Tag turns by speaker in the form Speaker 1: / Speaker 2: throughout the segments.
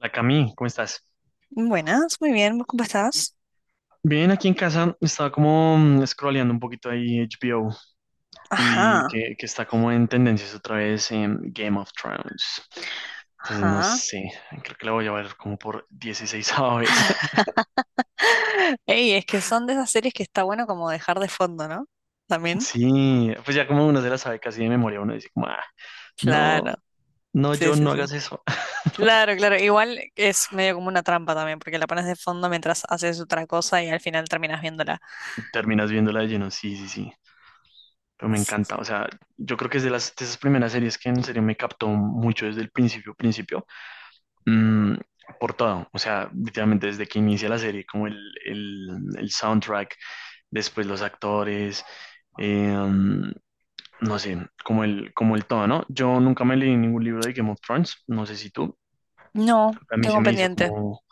Speaker 1: La Cami, ¿cómo estás?
Speaker 2: Buenas, muy bien, ¿cómo estás?
Speaker 1: Bien, aquí en casa estaba como scrolleando un poquito ahí HBO y vi
Speaker 2: Ajá,
Speaker 1: que está como en tendencias otra vez en Game of Thrones. Entonces, no
Speaker 2: ajá.
Speaker 1: sé, creo que la voy a ver como por 16 vez.
Speaker 2: Ey, es que son de esas series que está bueno como dejar de fondo, ¿no? También.
Speaker 1: Sí, pues ya como uno se la sabe casi de memoria, uno dice como, "Ah,
Speaker 2: Claro,
Speaker 1: no, no,
Speaker 2: sí,
Speaker 1: yo
Speaker 2: sí,
Speaker 1: no
Speaker 2: sí.
Speaker 1: hagas eso."
Speaker 2: Claro, claro. Igual es medio como una trampa también, porque la pones de fondo mientras haces otra cosa y al final terminas viéndola.
Speaker 1: Terminas viéndola de lleno, sí, sí, sí. Pero me
Speaker 2: Sí,
Speaker 1: encanta, o
Speaker 2: sí.
Speaker 1: sea, yo creo que es de las de esas primeras series que en serio me captó mucho desde el principio, principio. Mm, por todo, o sea, literalmente desde que inicia la serie, como el- el soundtrack, después los actores, eh, no sé, como el todo, ¿no? Yo nunca me leí ningún libro de Game of Thrones, no sé si tú,
Speaker 2: No,
Speaker 1: a mí
Speaker 2: tengo
Speaker 1: se
Speaker 2: un
Speaker 1: me hizo
Speaker 2: pendiente.
Speaker 1: como,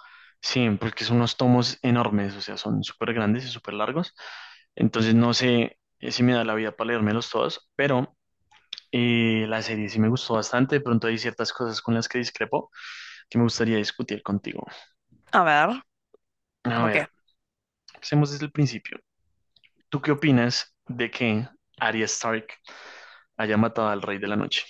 Speaker 1: sí, porque son unos tomos enormes, o sea, son súper grandes y súper largos, entonces no sé si me da la vida para leérmelos todos, pero la serie sí me gustó bastante, de pronto hay ciertas cosas con las que discrepo que me gustaría discutir contigo.
Speaker 2: A ver,
Speaker 1: A
Speaker 2: ¿cómo qué?
Speaker 1: ver, empecemos desde el principio. ¿Tú qué opinas de que Arya Stark haya matado al Rey de la Noche?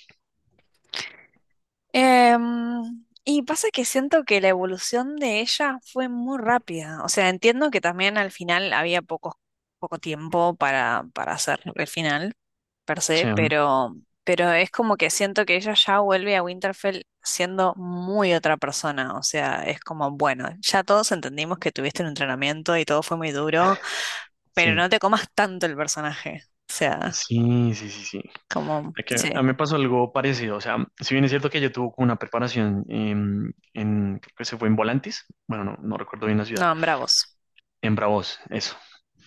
Speaker 2: Y pasa que siento que la evolución de ella fue muy rápida. O sea, entiendo que también al final había poco tiempo para hacer el final, per
Speaker 1: O
Speaker 2: se,
Speaker 1: sea,
Speaker 2: pero es como que siento que ella ya vuelve a Winterfell siendo muy otra persona. O sea, es como, bueno, ya todos entendimos que tuviste un entrenamiento y todo fue muy duro, pero
Speaker 1: sí,
Speaker 2: no te comas tanto el personaje. O sea,
Speaker 1: sí, sí, sí, sí.
Speaker 2: como,
Speaker 1: Es que a
Speaker 2: sí,
Speaker 1: mí me pasó algo parecido. O sea, si bien es cierto que yo tuve como una preparación en, creo que se fue en Volantis, bueno, no, no recuerdo bien la ciudad,
Speaker 2: no, bravos.
Speaker 1: en Bravos, eso,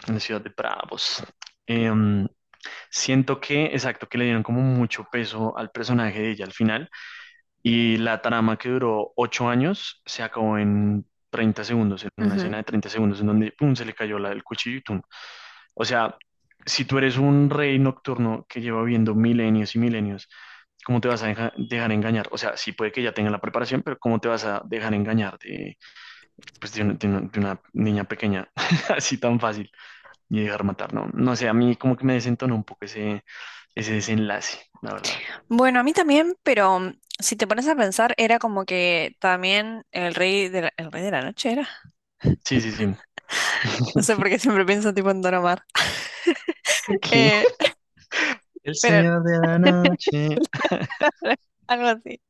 Speaker 1: en la ciudad de Bravos. Em, Siento que, exacto, que le dieron como mucho peso al personaje de ella al final. Y la trama que duró 8 años se acabó en 30 segundos, en una escena de 30 segundos, en donde pum, se le cayó la del cuchillo y tum. O sea, si tú eres un rey nocturno que lleva viendo milenios y milenios, ¿cómo te vas a dejar engañar? O sea, sí puede que ya tenga la preparación, pero ¿cómo te vas a dejar engañar de, pues de una niña pequeña así tan fácil y dejar matar? No, no sé, a mí como que me desentonó un poco ese desenlace, la verdad.
Speaker 2: Bueno, a mí también, pero si te pones a pensar, era como que también el rey de la noche era.
Speaker 1: Sí, sí, sí.
Speaker 2: No sé por qué siempre pienso tipo en Don Omar. Eh,
Speaker 1: El
Speaker 2: pero
Speaker 1: señor de la noche.
Speaker 2: algo así.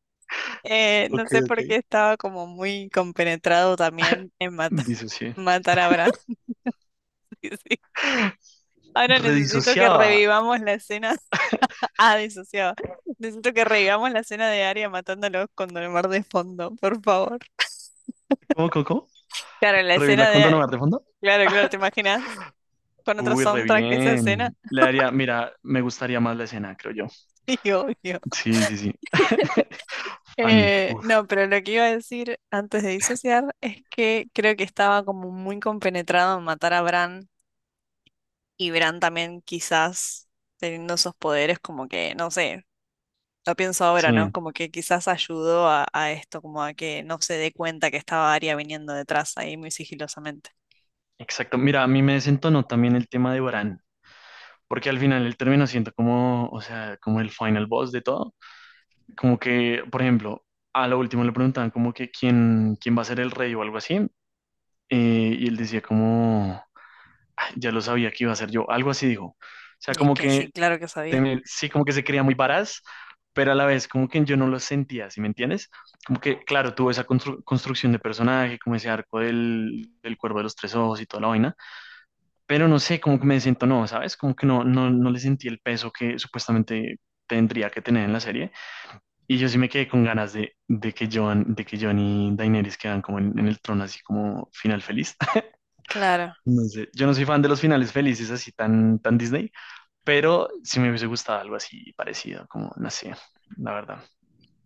Speaker 2: No
Speaker 1: Ok,
Speaker 2: sé
Speaker 1: ok.
Speaker 2: por qué estaba como muy compenetrado también en matar,
Speaker 1: Disocié.
Speaker 2: matar a Bran. Sí, sí. Ahora necesito que
Speaker 1: Redisociaba.
Speaker 2: revivamos la escena. Ah, disociado. Necesito que revivamos la escena de Arya matándolos con Don Omar de fondo, por favor.
Speaker 1: ¿Cómo, cómo, cómo?
Speaker 2: Claro, la
Speaker 1: ¿Revirla
Speaker 2: escena
Speaker 1: con Don
Speaker 2: de...
Speaker 1: Omar de fondo?
Speaker 2: Claro, claro, ¿te imaginas? Con otro
Speaker 1: Uy, re
Speaker 2: soundtrack esa escena.
Speaker 1: bien. Le daría, mira, me gustaría más la escena, creo yo.
Speaker 2: Y obvio.
Speaker 1: Sí, sí, sí. Fan. Uf,
Speaker 2: No, pero lo que iba a decir antes de disociar es que creo que estaba como muy compenetrado en matar a Bran y Bran también quizás teniendo esos poderes como que, no sé, lo pienso ahora, ¿no?
Speaker 1: sí.
Speaker 2: Como que quizás ayudó a esto, como a que no se dé cuenta que estaba Arya viniendo detrás ahí muy sigilosamente.
Speaker 1: Exacto. Mira, a mí me desentonó también el tema de Bran. Porque al final él termina siendo como, o sea, como el final boss de todo. Como que, por ejemplo, a lo último le preguntaban como que quién va a ser el rey o algo así. Y él decía como, ya lo sabía que iba a ser yo, algo así dijo. O sea,
Speaker 2: Y es
Speaker 1: como
Speaker 2: que
Speaker 1: que
Speaker 2: sí, claro que sabía.
Speaker 1: sí, como que se creía muy varaz, pero a la vez como que yo no lo sentía, ¿sí me entiendes? Como que, claro, tuvo esa construcción de personaje, como ese arco del cuervo de los tres ojos y toda la vaina, pero no sé, como que me siento no, ¿sabes? Como que no, no, no le sentí el peso que supuestamente tendría que tener en la serie. Y yo sí me quedé con ganas de que John y Daenerys quedan como en el trono, así como final feliz.
Speaker 2: Claro.
Speaker 1: No sé, yo no soy fan de los finales felices así tan, tan Disney, pero sí me hubiese gustado algo así parecido, como, no sé, la verdad.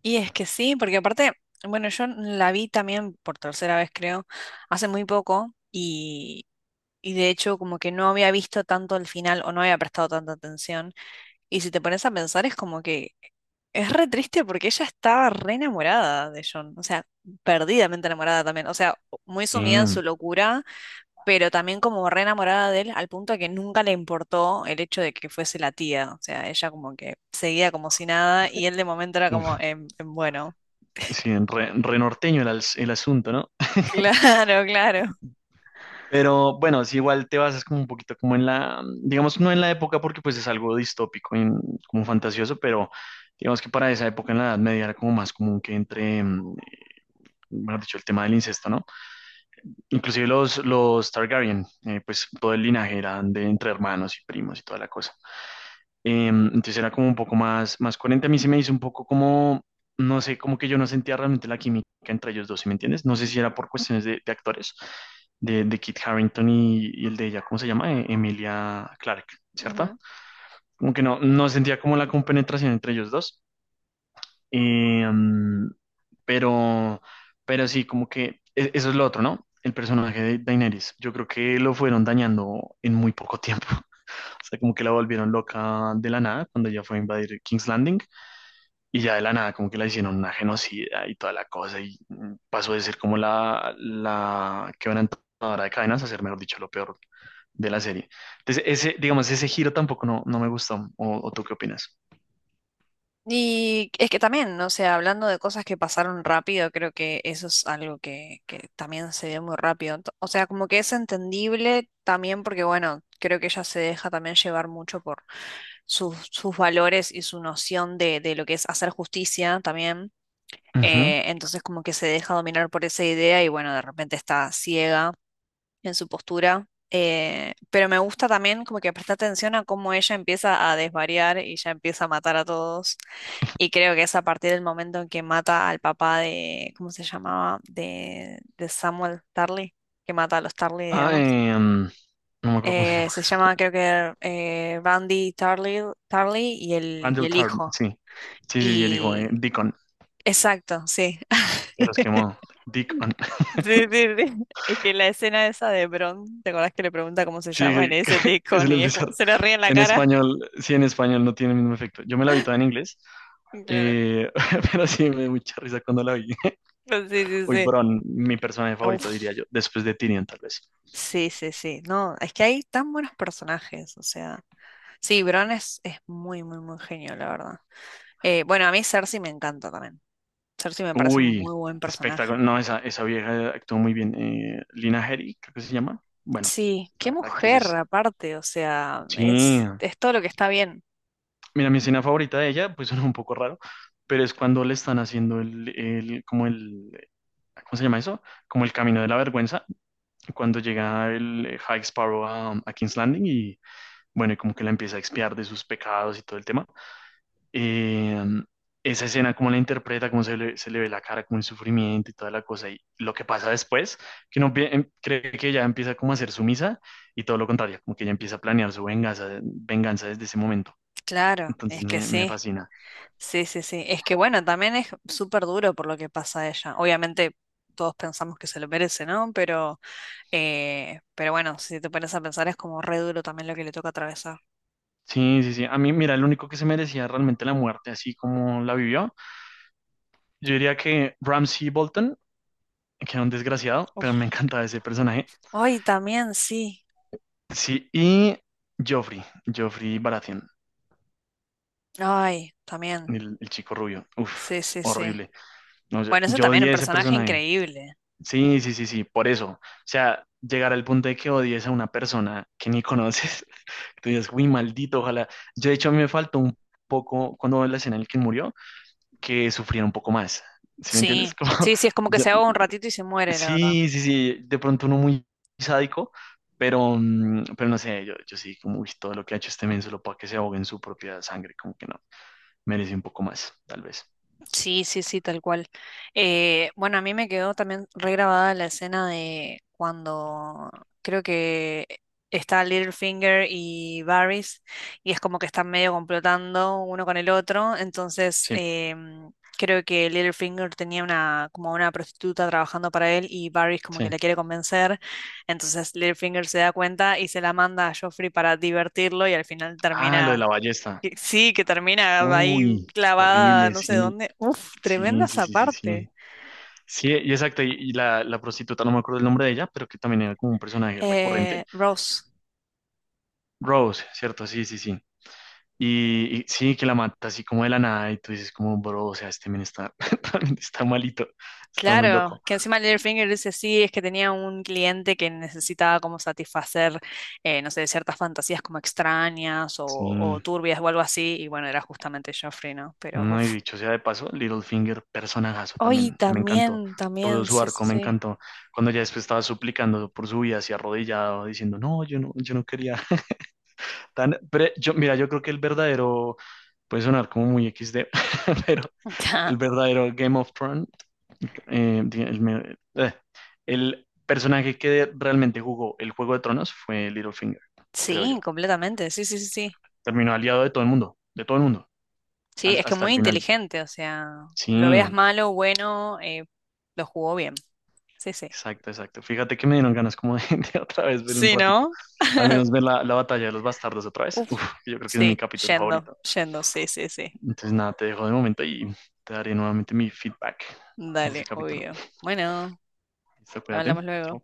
Speaker 2: Y es que sí, porque aparte, bueno, yo la vi también por tercera vez creo, hace muy poco. Y de hecho, como que no había visto tanto el final o no había prestado tanta atención. Y si te pones a pensar, es como que es re triste porque ella estaba re enamorada de John. O sea, perdidamente enamorada también. O sea, muy sumida en su
Speaker 1: Sí,
Speaker 2: locura, pero también como re enamorada de él, al punto de que nunca le importó el hecho de que fuese la tía. O sea, ella como que seguía como si nada y él de momento era como,
Speaker 1: uf,
Speaker 2: bueno,
Speaker 1: sí, re, re norteño el, el asunto, ¿no?
Speaker 2: claro, claro.
Speaker 1: Pero bueno, si igual te basas como un poquito como en la, digamos, no en la época porque pues es algo distópico, y como fantasioso, pero digamos que para esa época en la Edad Media era como más común que entre, mejor dicho, el tema del incesto, ¿no? Inclusive los Targaryen, pues todo el linaje eran de entre hermanos y primos y toda la cosa. Entonces era como un poco más, más coherente. A mí se me hizo un poco como, no sé, como que yo no sentía realmente la química entre ellos dos, ¿sí me entiendes? No sé si era por cuestiones de actores, de Kit Harington y el de ella, ¿cómo se llama? Emilia Clarke, ¿cierto? Como que no, no sentía como la compenetración entre ellos dos. Em, pero, pero sí, como que eso es lo otro, ¿no? El personaje de Daenerys. Yo creo que lo fueron dañando en muy poco tiempo. O sea, como que la volvieron loca de la nada cuando ella fue a invadir King's Landing y ya de la nada como que la hicieron una genocida y toda la cosa y pasó de ser como la quebrantadora de cadenas a ser, mejor dicho, lo peor de la serie. Entonces, ese, digamos, ese giro tampoco no, no me gustó. O tú qué opinas?
Speaker 2: Y es que también, o sea, hablando de cosas que pasaron rápido, creo que eso es algo que también se ve muy rápido. Ento- O sea, como que es entendible también porque, bueno, creo que ella se deja también llevar mucho por sus valores y su noción de lo que es hacer justicia también.
Speaker 1: Ujú.
Speaker 2: Entonces, como que se deja dominar por esa idea y, bueno, de repente está ciega en su postura. Eh, pero me gusta también como que presta atención a cómo ella empieza a desvariar y ya empieza a matar a todos. Y creo que es a partir del momento en que mata al papá de, ¿cómo se llamaba? De Samuel Tarly, que mata a los Tarly,
Speaker 1: Ah,
Speaker 2: digamos.
Speaker 1: no me acuerdo cómo se llama.
Speaker 2: Se llama creo que Randy Tarly y y
Speaker 1: Randall
Speaker 2: el
Speaker 1: Tarn,
Speaker 2: hijo.
Speaker 1: sí. Sí, sí, sí, el hijo de
Speaker 2: Y
Speaker 1: Deacon,
Speaker 2: exacto, sí.
Speaker 1: se los quemó. Deacon.
Speaker 2: Sí, sí, sí. Es que la escena esa de Bron, ¿te acordás que le pregunta cómo se
Speaker 1: Sí,
Speaker 2: llama? Y le
Speaker 1: que,
Speaker 2: dice
Speaker 1: que- se
Speaker 2: Deacon
Speaker 1: le
Speaker 2: y es
Speaker 1: empieza
Speaker 2: como-
Speaker 1: a-
Speaker 2: se le ríe en la
Speaker 1: En
Speaker 2: cara.
Speaker 1: español, sí, en español no tiene el mismo efecto. Yo me la vi toda en inglés,
Speaker 2: Claro.
Speaker 1: eh, pero sí me dio mucha risa cuando la vi.
Speaker 2: Sí, sí,
Speaker 1: Uy,
Speaker 2: sí.
Speaker 1: Bron, mi personaje favorito, diría
Speaker 2: Uf,
Speaker 1: yo, después de Tyrion, tal vez.
Speaker 2: sí, sí, sí. No, es que hay tan buenos personajes, o sea. Sí, Bron es muy, muy, muy genio, la verdad. Bueno, a mí Cersei me encanta también. Cersei me parece un
Speaker 1: Uy,
Speaker 2: muy buen
Speaker 1: espectáculo.
Speaker 2: personaje.
Speaker 1: No, esa vieja actuó muy bien. Lina Headey, creo que se llama. Bueno,
Speaker 2: Sí, qué
Speaker 1: la actriz
Speaker 2: mujer
Speaker 1: es.
Speaker 2: aparte, o sea,
Speaker 1: Sí.
Speaker 2: es todo lo que está bien.
Speaker 1: Mira, mi escena favorita de ella, pues suena un poco raro, pero es cuando le están haciendo como el, ¿cómo se llama eso? Como el camino de la vergüenza cuando llega el High Sparrow a King's Landing y bueno, y como que la empieza a expiar de sus pecados y todo el tema. Eh, Esa escena, cómo la interpreta, cómo se le ve la cara, como el sufrimiento y toda la cosa. Y lo que pasa después, que uno cree que ella empieza como a ser sumisa y todo lo contrario, como que ella empieza a planear su venganza, venganza desde ese momento.
Speaker 2: Claro,
Speaker 1: Entonces
Speaker 2: es que
Speaker 1: me
Speaker 2: sí.
Speaker 1: fascina.
Speaker 2: Sí, sí, sí. Es que bueno, también es súper duro por lo que pasa a ella. Obviamente todos pensamos que se lo merece, ¿no? Pero bueno, si te pones a pensar es como re duro también lo que le toca atravesar.
Speaker 1: Sí, sí, sí. A mí, mira, el único que se merecía realmente la muerte, así como la vivió, yo diría que Ramsay Bolton, que era un desgraciado, pero me
Speaker 2: Uf.
Speaker 1: encantaba ese personaje.
Speaker 2: Ay, también, sí.
Speaker 1: Sí, y Joffrey, Joffrey Baratheon,
Speaker 2: Ay, también.
Speaker 1: el chico rubio. Uf,
Speaker 2: Sí, sí, sí.
Speaker 1: horrible. No, yo,
Speaker 2: Bueno, ese
Speaker 1: yo
Speaker 2: también es un
Speaker 1: odié ese
Speaker 2: personaje
Speaker 1: personaje.
Speaker 2: increíble.
Speaker 1: Sí, sí, sí, sí, por eso. O sea, llegar al punto de que odies a una persona que ni conoces, tú dices, uy, maldito, ojalá. Yo, de hecho, a mí me faltó un poco, cuando veo la escena en la que murió, que sufriera un poco más. ¿Sí me
Speaker 2: Sí.
Speaker 1: entiendes? Como,
Speaker 2: Sí, sí, es como que
Speaker 1: yo,
Speaker 2: se ahoga un ratito y se muere, la verdad.
Speaker 1: sí, sí, sí, de pronto uno muy sádico, pero, pero no sé, yo sí, como uy, todo lo que ha hecho este men solo para que se ahogue en su propia sangre, como que no, merece un poco más, tal vez.
Speaker 2: Sí, sí, sí, tal cual. Bueno, a mí me quedó también regrabada la escena de cuando creo que está Littlefinger y Varys y es como que están medio complotando uno con el otro. Entonces,
Speaker 1: Sí,
Speaker 2: creo que Littlefinger tenía una como una prostituta trabajando para él y Varys como que
Speaker 1: sí.
Speaker 2: la quiere convencer. Entonces, Littlefinger se da cuenta y se la manda a Joffrey para divertirlo y al final
Speaker 1: Ah, lo
Speaker 2: termina
Speaker 1: de la ballesta.
Speaker 2: que- Sí, que termina ahí
Speaker 1: Uy,
Speaker 2: clavada
Speaker 1: horrible,
Speaker 2: no sé
Speaker 1: sí,
Speaker 2: dónde. Uf, tremenda
Speaker 1: sí, sí,
Speaker 2: esa
Speaker 1: sí, sí, sí.
Speaker 2: parte.
Speaker 1: Sí, y exacto, y la prostituta, no me acuerdo el nombre de ella, pero que también era como un personaje recurrente.
Speaker 2: Rose,
Speaker 1: Rose, ¿cierto? Sí, sí, sí. Y sí, que la mata así como de la nada y tú dices como, bro, o sea, este men está, realmente está malito, está muy
Speaker 2: claro,
Speaker 1: loco.
Speaker 2: que encima Littlefinger dice sí, es que tenía un cliente que necesitaba como satisfacer, no sé, ciertas fantasías como extrañas o
Speaker 1: Sí,
Speaker 2: turbias o algo así, y bueno, era justamente Joffrey, ¿no? Pero
Speaker 1: no he
Speaker 2: uf.
Speaker 1: dicho sea de paso, Littlefinger, personajazo
Speaker 2: Hoy
Speaker 1: también, me encantó.
Speaker 2: también,
Speaker 1: Todo
Speaker 2: también,
Speaker 1: su
Speaker 2: sí, sí,
Speaker 1: arco me
Speaker 2: sí.
Speaker 1: encantó. Cuando ya después estaba suplicando por su vida, así arrodillado, diciendo, no, yo no quería. Tan, pero yo, mira, yo, creo que el verdadero, puede sonar como muy XD, pero el verdadero Game of Thrones eh, di- el, eh, el personaje que realmente jugó el Juego de Tronos fue Littlefinger, creo
Speaker 2: Sí,
Speaker 1: yo.
Speaker 2: completamente, sí, sí, sí, sí.
Speaker 1: Terminó aliado de todo el mundo, de todo el mundo,
Speaker 2: Sí, es que
Speaker 1: hasta el
Speaker 2: muy
Speaker 1: final.
Speaker 2: inteligente, o sea, lo
Speaker 1: Sí,
Speaker 2: veas malo, bueno, lo jugó bien. Sí, sí.
Speaker 1: exacto, exacto. Fíjate que me dieron ganas como de, de otra vez ver un
Speaker 2: Sí,
Speaker 1: ratico.
Speaker 2: ¿no?
Speaker 1: Al menos ver la, la batalla de los bastardos otra vez. Uf,
Speaker 2: Uf,
Speaker 1: yo creo que es mi
Speaker 2: sí,
Speaker 1: capítulo
Speaker 2: yendo,
Speaker 1: favorito.
Speaker 2: yendo, sí, sí, sí.
Speaker 1: Entonces nada, te dejo de momento y te daré nuevamente mi feedback de
Speaker 2: Dale,
Speaker 1: ese capítulo.
Speaker 2: obvio. Bueno,
Speaker 1: Listo, cuídate.
Speaker 2: hablamos luego.
Speaker 1: Chao.